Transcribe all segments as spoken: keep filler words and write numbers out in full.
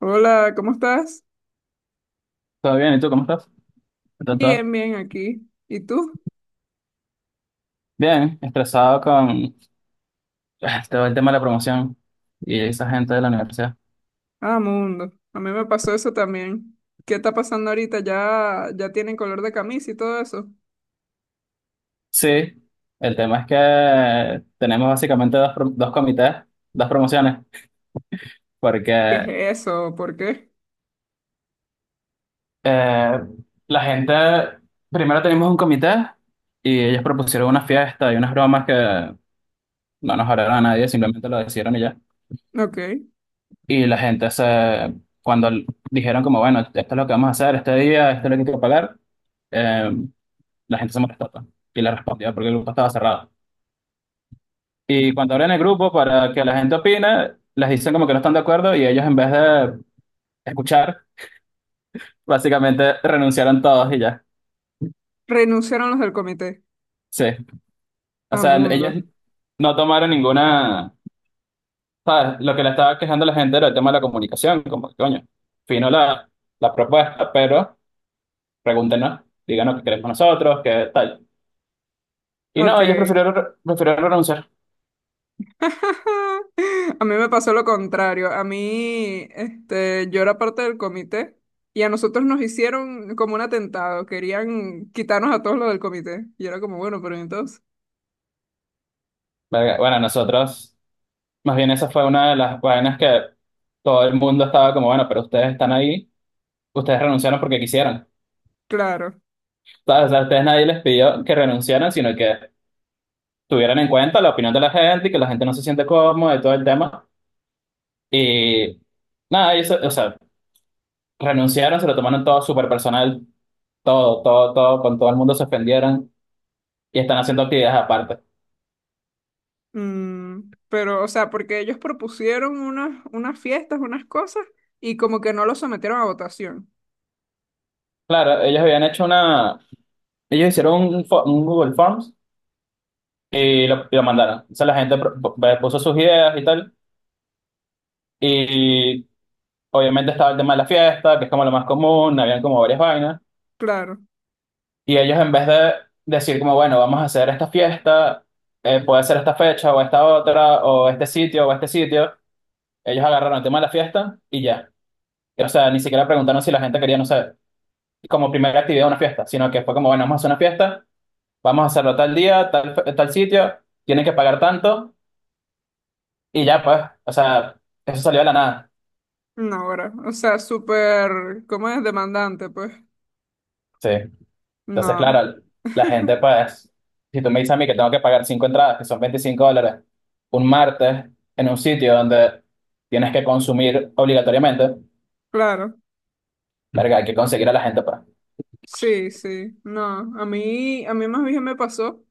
Hola, ¿cómo estás? ¿Todo bien? ¿Y tú cómo estás? ¿Está todo Bien, bien aquí. ¿Y tú? bien? Estresado con ah, todo el tema de la promoción y esa gente de la universidad. Ah, mundo. A mí me pasó eso también. ¿Qué está pasando ahorita? ¿Ya, ya tienen color de camisa y todo eso? Sí, el tema es que tenemos básicamente dos, pro- dos comités, dos promociones, porque ¿Qué es eso? ¿Por qué? eh, la gente, primero tenemos un comité y ellos propusieron una fiesta y unas bromas que no nos hablaron a nadie, simplemente lo decidieron y ya. Ok. Y la gente se, cuando l- dijeron como, bueno, esto es lo que vamos a hacer este día, esto es lo que hay que pagar. eh, la gente se molestó, pues, y la respondió porque el grupo estaba cerrado. Y cuando abren el grupo para que la gente opine, les dicen como que no están de acuerdo y ellos en vez de escuchar, básicamente renunciaron todos y ya. Renunciaron los del comité. Sí, o Ah, sea, mundo. ellos no tomaron ninguna, ¿sabes? Lo que le estaba quejando a la gente era el tema de la comunicación, como que coño, fino la, la propuesta, pero pregúntenos, díganos qué queremos nosotros, qué tal. Y no, ellos Ok. prefirieron, prefirieron renunciar. A mí me pasó lo contrario. A mí, este, yo era parte del comité y a nosotros nos hicieron como un atentado. Querían quitarnos a todos los del comité. Y era como, bueno, pero entonces, Verga, bueno, nosotros más bien esa fue una de las vainas que todo el mundo estaba como, bueno, pero ustedes están ahí, ustedes renunciaron porque quisieron. claro. ¿Sabes? O sea, a ustedes nadie les pidió que renunciaran, sino que tuvieran en cuenta la opinión de la gente y que la gente no se siente cómoda y todo el tema. Y nada, y eso, o sea, renunciaron, se lo tomaron todo súper personal, todo, todo, todo, con todo el mundo se ofendieron y están haciendo actividades aparte. Mm, pero, o sea, porque ellos propusieron unas, unas fiestas, unas cosas, y como que no lo sometieron a votación. Claro, ellos habían hecho una, ellos hicieron un, fo- un Google Forms y lo, y lo mandaron. O sea, la gente pro- puso sus ideas y tal. Y obviamente estaba el tema de la fiesta, que es como lo más común, habían como varias vainas. Claro, Y ellos en vez de decir como, bueno, vamos a hacer esta fiesta, eh, puede ser esta fecha o esta otra, o este sitio o este sitio, ellos agarraron el tema de la fiesta y ya. O sea, ni siquiera preguntaron si la gente quería, no sé, como primera actividad una fiesta, sino que fue como, bueno, vamos a hacer una fiesta, vamos a hacerlo tal día, tal, fe- tal sitio, tienen que pagar tanto y ya pues, o sea, eso salió de la nada. no, ahora. O sea, súper, ¿cómo es? Demandante, pues. Sí. Entonces, No, claro, la gente, pues, si tú me dices a mí que tengo que pagar cinco entradas, que son veinticinco dólares, un martes en un sitio donde tienes que consumir obligatoriamente, claro. verga, hay que conseguir a la gente, pues. Sí, sí. No, a mí, a mí más bien me pasó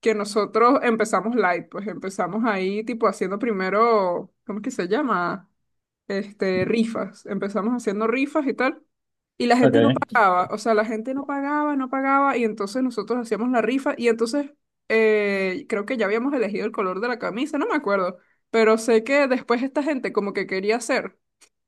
que nosotros empezamos light, pues empezamos ahí, tipo, haciendo primero, ¿cómo es que se llama? Este, rifas. Empezamos haciendo rifas y tal. Y la gente no Okay. pagaba, o sea, la gente no pagaba, no pagaba, y entonces nosotros hacíamos la rifa, y entonces eh, creo que ya habíamos elegido el color de la camisa, no me acuerdo, pero sé que después esta gente como que quería hacer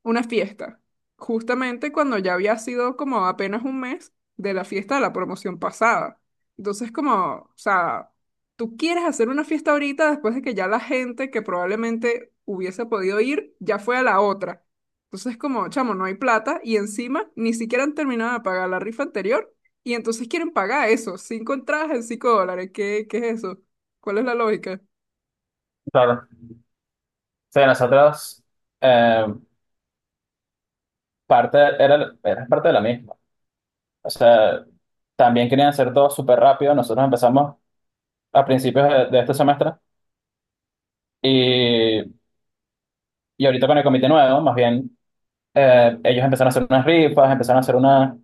una fiesta, justamente cuando ya había sido como apenas un mes de la fiesta de la promoción pasada. Entonces como, o sea, tú quieres hacer una fiesta ahorita después de que ya la gente que probablemente hubiese podido ir ya fue a la otra. Entonces, como, chamo, no hay plata y encima ni siquiera han terminado de pagar la rifa anterior y entonces quieren pagar eso, cinco entradas en cinco dólares. ¿Qué, qué es eso? ¿Cuál es la lógica? Claro. Sí, nosotros, eh, parte, era, era parte de la misma. O sea, también querían hacer todo súper rápido. Nosotros empezamos a principios de, de este semestre y, y ahorita con el comité nuevo, más bien. Eh, ellos empezaron a hacer unas rifas, empezaron a hacer una,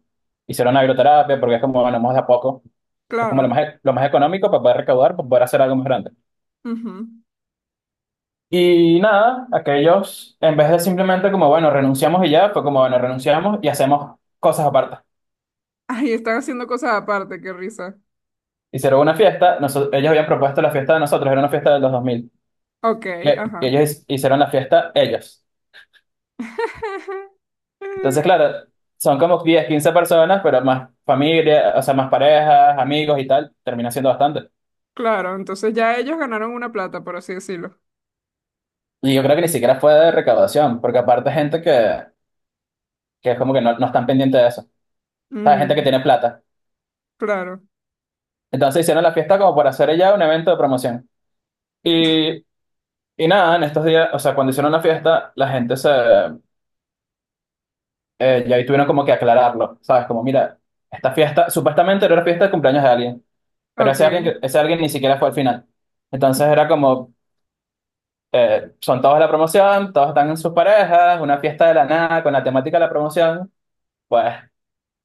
hicieron una agroterapia, porque es como, bueno, vamos de a poco, es como lo Claro. más, e- lo más económico para poder recaudar, para poder hacer algo más grande. Ujú. Y nada, aquellos, en vez de simplemente como, bueno, renunciamos y ya, fue como, bueno, renunciamos y hacemos cosas aparte. Ay, están haciendo cosas aparte, qué risa. Hicieron una fiesta, noso- ellos habían propuesto la fiesta de nosotros, era una fiesta de los dos mil, Ok, y, y ajá. ellos hicieron la fiesta ellos. Entonces, claro, son como diez quince personas, pero más familia, o sea, más parejas, amigos y tal, termina siendo bastante. Claro, entonces ya ellos ganaron una plata, por así decirlo. Y yo creo que ni siquiera fue de recaudación, porque aparte gente que, que es como que no, no están pendientes de eso. O sea, gente que Mm, tiene plata. claro. Entonces hicieron la fiesta como por hacer ella un evento de promoción. Y, y nada, en estos días, o sea, cuando hicieron la fiesta, la gente se... eh, ya ahí tuvieron como que aclararlo, ¿sabes? Como, mira, esta fiesta, supuestamente era una fiesta de cumpleaños de alguien, pero Ok, ese alguien, que- ese alguien ni siquiera fue al final. Entonces era como, eh, son todos de la promoción, todos están en sus parejas, una fiesta de la nada con la temática de la promoción. Pues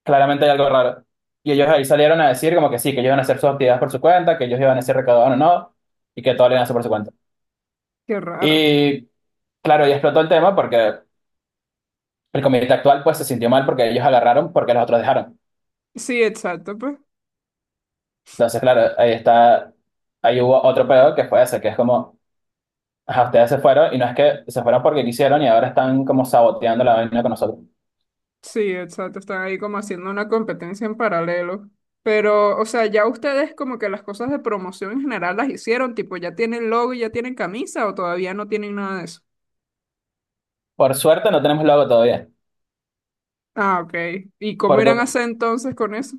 claramente hay algo raro. Y ellos ahí salieron a decir como que sí, que ellos iban a hacer sus actividades por su cuenta, que ellos iban a ser recaudados o no, y que todo lo iban a hacer por su cuenta. qué raro. Y claro, y explotó el tema porque el comité actual pues se sintió mal porque ellos agarraron porque los otros dejaron. Sí, exacto, pues. Entonces, claro, ahí está, ahí hubo otro pedo que fue ese, que es como, ajá, ustedes se fueron y no es que se fueron porque quisieron y ahora están como saboteando la vaina con nosotros. Sí, exacto. Están ahí como haciendo una competencia en paralelo. Pero, o sea, ya ustedes como que las cosas de promoción en general las hicieron, tipo, ya tienen logo y ya tienen camisa o todavía no tienen nada de eso. Por suerte no tenemos logo todavía, Ah, ok. ¿Y cómo irán a porque hacer entonces con eso?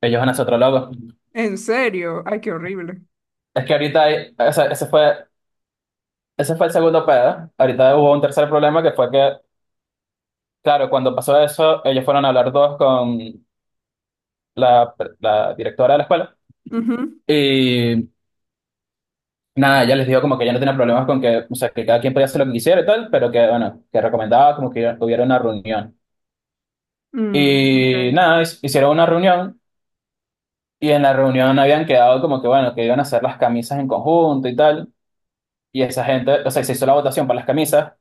ellos van a hacer otro logo. ¿En serio? Ay, qué horrible. Es que ahorita, hay, ese, ese fue Ese fue el segundo pedo. Ahorita hubo un tercer problema que fue que, claro, cuando pasó eso, ellos fueron a hablar todos con la, la directora de la escuela. Ujú. Y nada, ella les dijo como que ella no tenía problemas con que, o sea, que cada quien podía hacer lo que quisiera y tal, pero que, bueno, que recomendaba como que hubiera una reunión. Mm, Y ok. nada, his- hicieron una reunión y en la reunión habían quedado como que, bueno, que iban a hacer las camisas en conjunto y tal. Y esa gente, o sea, se hizo la votación para las camisas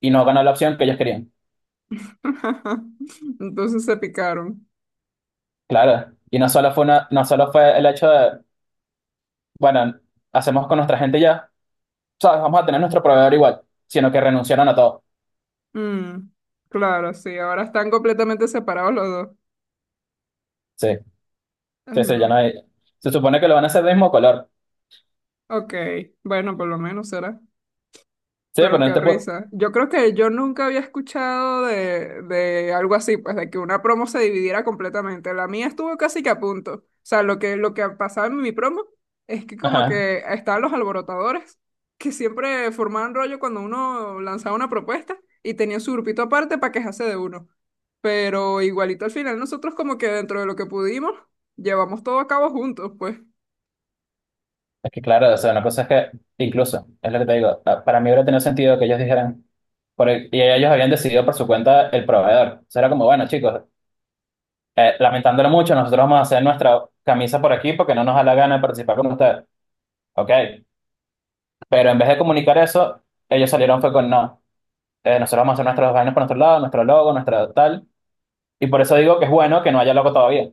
y no ganó la opción que ellos querían. Entonces se picaron. Claro. Y no solo fue una, no solo fue el hecho de bueno, hacemos con nuestra gente ya, ¿sabes? Vamos a tener nuestro proveedor igual, sino que renunciaron a todo. Mm, claro, sí. Ahora están completamente separados los dos. Sí, Ay, sí, sí, ya no no. hay. Se supone que lo van a hacer del mismo color. Ok. Bueno, por lo menos será. Sí, pero Pero en qué este punto. risa. Yo creo que yo nunca había escuchado de de algo así, pues de que una promo se dividiera completamente. La mía estuvo casi que a punto. O sea, lo que, lo que pasaba en mi promo es que como Ajá. que estaban los alborotadores, que siempre formaban rollo cuando uno lanzaba una propuesta y tenían su grupito aparte para quejarse de uno. Pero igualito al final nosotros como que dentro de lo que pudimos, llevamos todo a cabo juntos, pues. Es que claro, o sea, una cosa es que, incluso, es lo que te digo, pa- para mí hubiera tenido sentido que ellos dijeran, por el- y ellos habían decidido por su cuenta el proveedor. O sea, era como, bueno, chicos, eh, lamentándolo mucho, nosotros vamos a hacer nuestra camisa por aquí porque no nos da la gana de participar con ustedes. Ok. Pero en vez de comunicar eso, ellos salieron fue con no. Eh, nosotros vamos a hacer nuestros vainas por nuestro lado, nuestro logo, nuestra tal. Y por eso digo que es bueno que no haya logo todavía,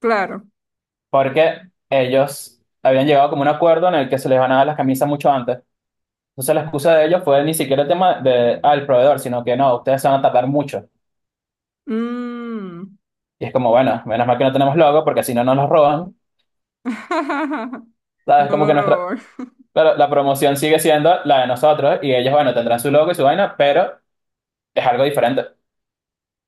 Claro. porque ellos habían llegado como un acuerdo en el que se les van a dar las camisas mucho antes. Entonces la excusa de ellos fue ni siquiera el tema de, al proveedor, sino que no, ustedes se van a tardar mucho. Mm. Y es como, bueno, menos mal que no tenemos logo, porque si no nos los roban. ¿Sabes? No Como lo que robó. nuestra, claro, la promoción sigue siendo la de nosotros y ellos, bueno, tendrán su logo y su vaina, pero es algo diferente.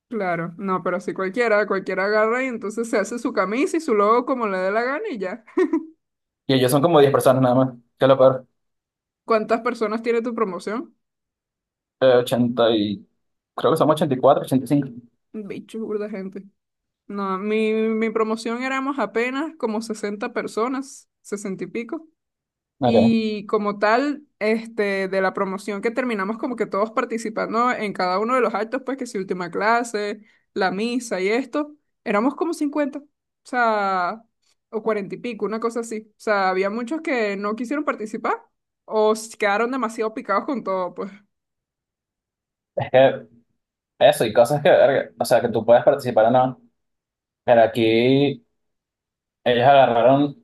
Claro, no, pero si cualquiera, cualquiera agarra y entonces se hace su camisa y su logo como le dé la gana y ya. Y ellos son como diez personas nada más, que es lo peor. ¿Cuántas personas tiene tu promoción? Eh, ochenta y... Creo que somos ochenta ochenta y cuatro ochenta y cinco. Bicho, burda gente. No, mi, mi promoción éramos apenas como sesenta personas, sesenta y pico. Ok. Y como tal, este, de la promoción que terminamos como que todos participando en cada uno de los actos, pues que si última clase, la misa y esto, éramos como cincuenta o sea, o cuarenta y pico, una cosa así. O sea, había muchos que no quisieron participar o se quedaron demasiado picados con todo, pues. Es que eso, y cosas que, verga, o sea, que tú puedes participar o no. Pero aquí ellos agarraron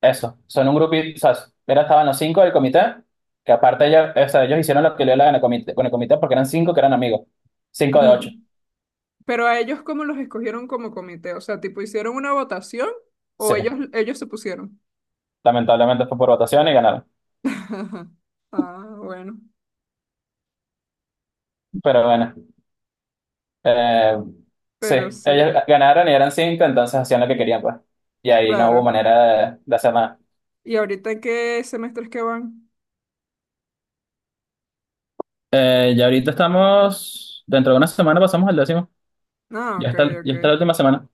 eso. Son un grupito, o sea, era estaban los cinco del comité, que aparte ellos, o sea, ellos hicieron lo que le daban el comité, con el comité porque eran cinco que eran amigos. Cinco de ocho. Mm. Pero a ellos, ¿cómo los escogieron como comité? O sea, tipo, ¿hicieron una votación Sí, o ellos, ellos se pusieron? lamentablemente fue por votación y ganaron. Ah, bueno, Pero bueno, eh, sí, pero sí, ellos ganaron y eran cinco, entonces hacían lo que querían, pues. Y ahí no hubo claro. manera de, de hacer nada. ¿Y ahorita en qué semestres que van? Eh, ya ahorita estamos, dentro de una semana pasamos al décimo. Ah, Ya ok, está, ok. ya está la última semana.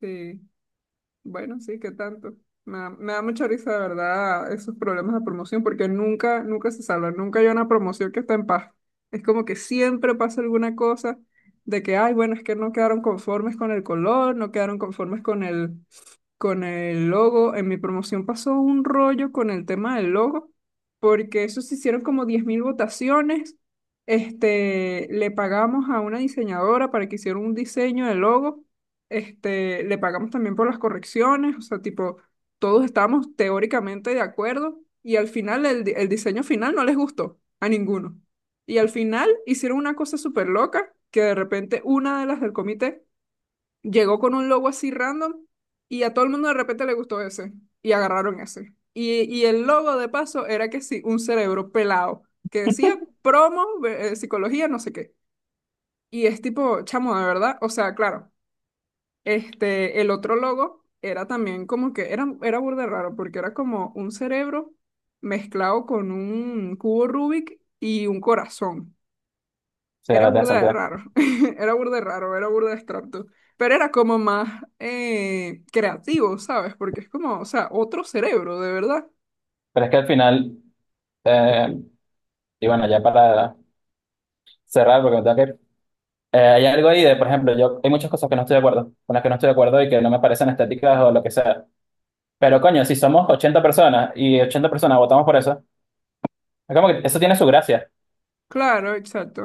Sí. Bueno, sí, qué tanto. Me da, me da mucha risa, de verdad, esos problemas de promoción, porque nunca, nunca se salvan. Nunca hay una promoción que está en paz. Es como que siempre pasa alguna cosa de que, ay, bueno, es que no quedaron conformes con el color, no quedaron conformes con el, con el logo. En mi promoción pasó un rollo con el tema del logo, porque eso se hicieron como diez mil votaciones. Este, le pagamos a una diseñadora para que hiciera un diseño del logo. Este, le pagamos también por las correcciones, o sea, tipo, todos estábamos teóricamente de acuerdo y al final el, di- el diseño final no les gustó a ninguno. Y al final hicieron una cosa súper loca que de repente una de las del comité llegó con un logo así random y a todo el mundo de repente le gustó ese y agarraron ese. Y, y el logo de paso era que sí, un cerebro pelado que decía promo, eh, psicología, no sé qué. Y es tipo, chamo, de verdad, o sea, claro, este, el otro logo era también como que era, era burda de raro porque era como un cerebro mezclado con un cubo Rubik y un corazón. Sí, Era la tía burda de Santiago. raro, era burda de raro, era burda de extracto, pero era como más eh, creativo, ¿sabes? Porque es como, o sea, otro cerebro, de verdad. Pero es que al final, eh, y bueno, ya para cerrar, porque me tengo que ir, eh, hay algo ahí de, por ejemplo, yo hay muchas cosas que no estoy de acuerdo, con las que no estoy de acuerdo y que no me parecen estéticas o lo que sea. Pero coño, si somos ochenta personas y ochenta personas votamos por eso, es como que eso tiene su gracia. Claro, exacto,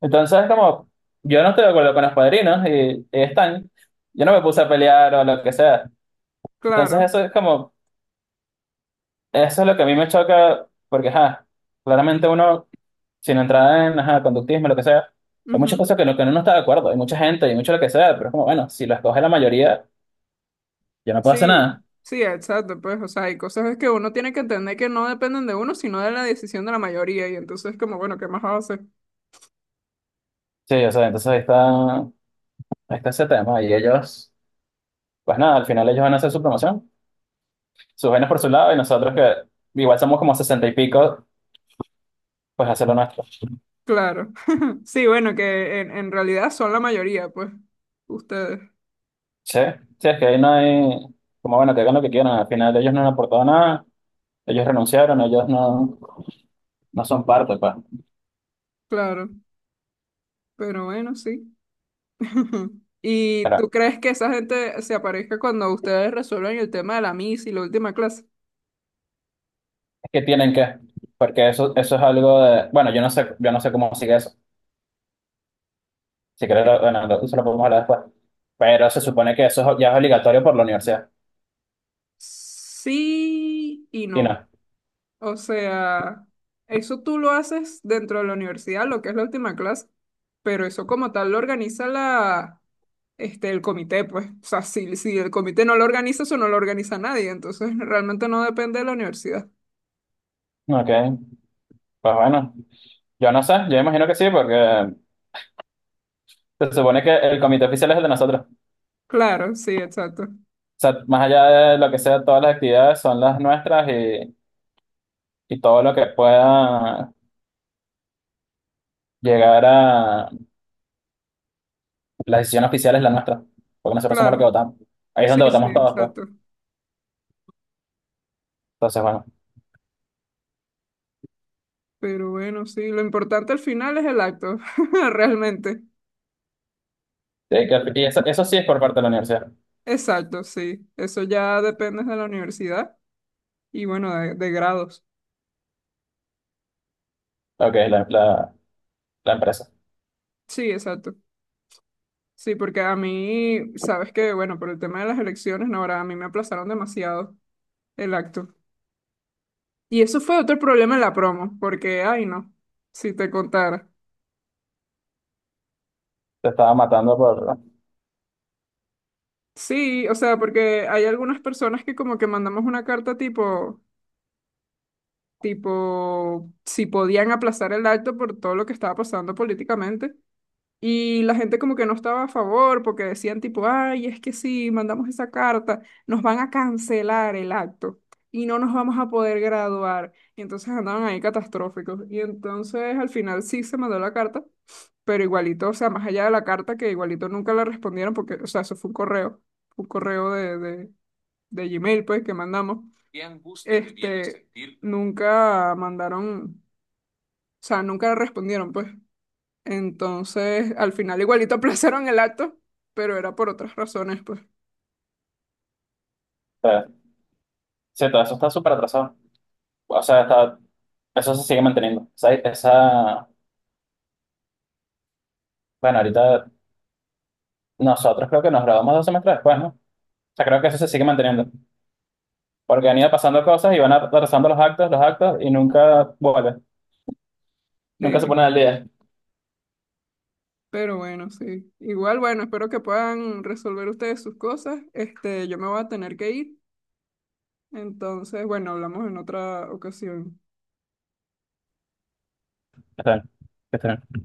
Entonces, como yo no estoy de acuerdo con los padrinos y, y están, yo no me puse a pelear o lo que sea. Entonces, claro. eso es como, eso es lo que a mí me choca, porque, ja, claramente uno. Sin entrar en ajá, conductismo, lo que sea, hay muchas Ujú. cosas que, lo que uno no está de acuerdo, hay mucha gente y mucho lo que sea, pero es como, bueno, si lo escoge la mayoría, yo no puedo hacer Sí, nada. sí, exacto, pues, o sea, hay cosas que uno tiene que entender que no dependen de uno, sino de la decisión de la mayoría, y entonces como, bueno, ¿qué más hace? Sí, o sea, entonces ahí está, ahí está ese tema. Y ellos, pues nada, al final ellos van a hacer su promoción, sus vainas por su lado, y nosotros que igual somos como sesenta y pico, pues hacer lo nuestro. Claro. Sí, bueno, que en, en realidad son la mayoría, pues, ustedes, Sí, sí, es que ahí no hay, como bueno, que hagan lo que quieran, al final ellos no han aportado nada, ellos renunciaron, ellos no, no son parte, pues. claro, pero bueno, sí. Ujú. ¿Y Pero tú crees que esa gente se aparezca cuando ustedes resuelven el tema de la M I S y la última clase? es que tienen que, porque eso, eso es algo de, bueno, yo no sé, yo no sé cómo sigue eso. Si quieres, lo- bueno, lo- eso lo podemos hablar después. Pero se supone que eso es ya es obligatorio por la universidad. Sí y Y no. no. O sea, eso tú lo haces dentro de la universidad, lo que es la última clase, pero eso como tal lo organiza la, este, el comité, pues. O sea, si, si el comité no lo organiza, eso no lo organiza nadie. Entonces, realmente no depende de la universidad. Ok. Pues bueno, yo no sé, yo imagino que sí, porque se supone que el comité oficial es el de nosotros. Claro, sí, exacto. O sea, más allá de lo que sea, todas las actividades son las nuestras y, y todo lo que pueda llegar a la decisión oficial es la nuestra, porque nosotros somos los que Claro. votamos. Ahí es Sí, donde sí, votamos todos, pues. exacto. Entonces, bueno. Pero bueno, sí, lo importante al final es el acto, realmente. Sí, que- y eso, eso sí es por parte de la universidad, Exacto, sí. Eso ya depende de la universidad y bueno, de, de grados. lo que es la, la, la empresa. Sí, exacto. Sí, porque a mí, sabes que, bueno, por el tema de las elecciones, no, ahora a mí me aplazaron demasiado el acto. Y eso fue otro problema en la promo, porque, ay, no, si te contara. Se estaba matando por... o Sí, o sea, porque hay algunas personas que como que mandamos una carta tipo, tipo, si podían aplazar el acto por todo lo que estaba pasando políticamente. Y la gente como que no estaba a favor porque decían tipo, ay, es que si mandamos esa carta, nos van a cancelar el acto y no nos vamos a poder graduar. Y entonces andaban ahí catastróficos. Y entonces al final sí se mandó la carta, pero igualito, o sea, más allá de la carta que igualito nunca la respondieron porque, o sea, eso fue un correo, un correo de, de, de Gmail pues que mandamos. Este, nunca mandaron, o sea, nunca respondieron pues. Entonces, al final igualito aplazaron el acto, pero era por otras razones, pues. sea, sí, todo eso está súper atrasado. O sea, está, eso se sigue manteniendo. O sea, esa, bueno, ahorita nosotros creo que nos graduamos dos semestres después, ¿no? O sea, creo que eso se sigue manteniendo. Porque han ido pasando cosas y van atrasando los actos, los actos, y nunca vuelven. Nunca se Sí, ponen al día. pero bueno, sí. Igual, bueno, espero que puedan resolver ustedes sus cosas. Este, yo me voy a tener que ir. Entonces, bueno, hablamos en otra ocasión. Está bien, está bien.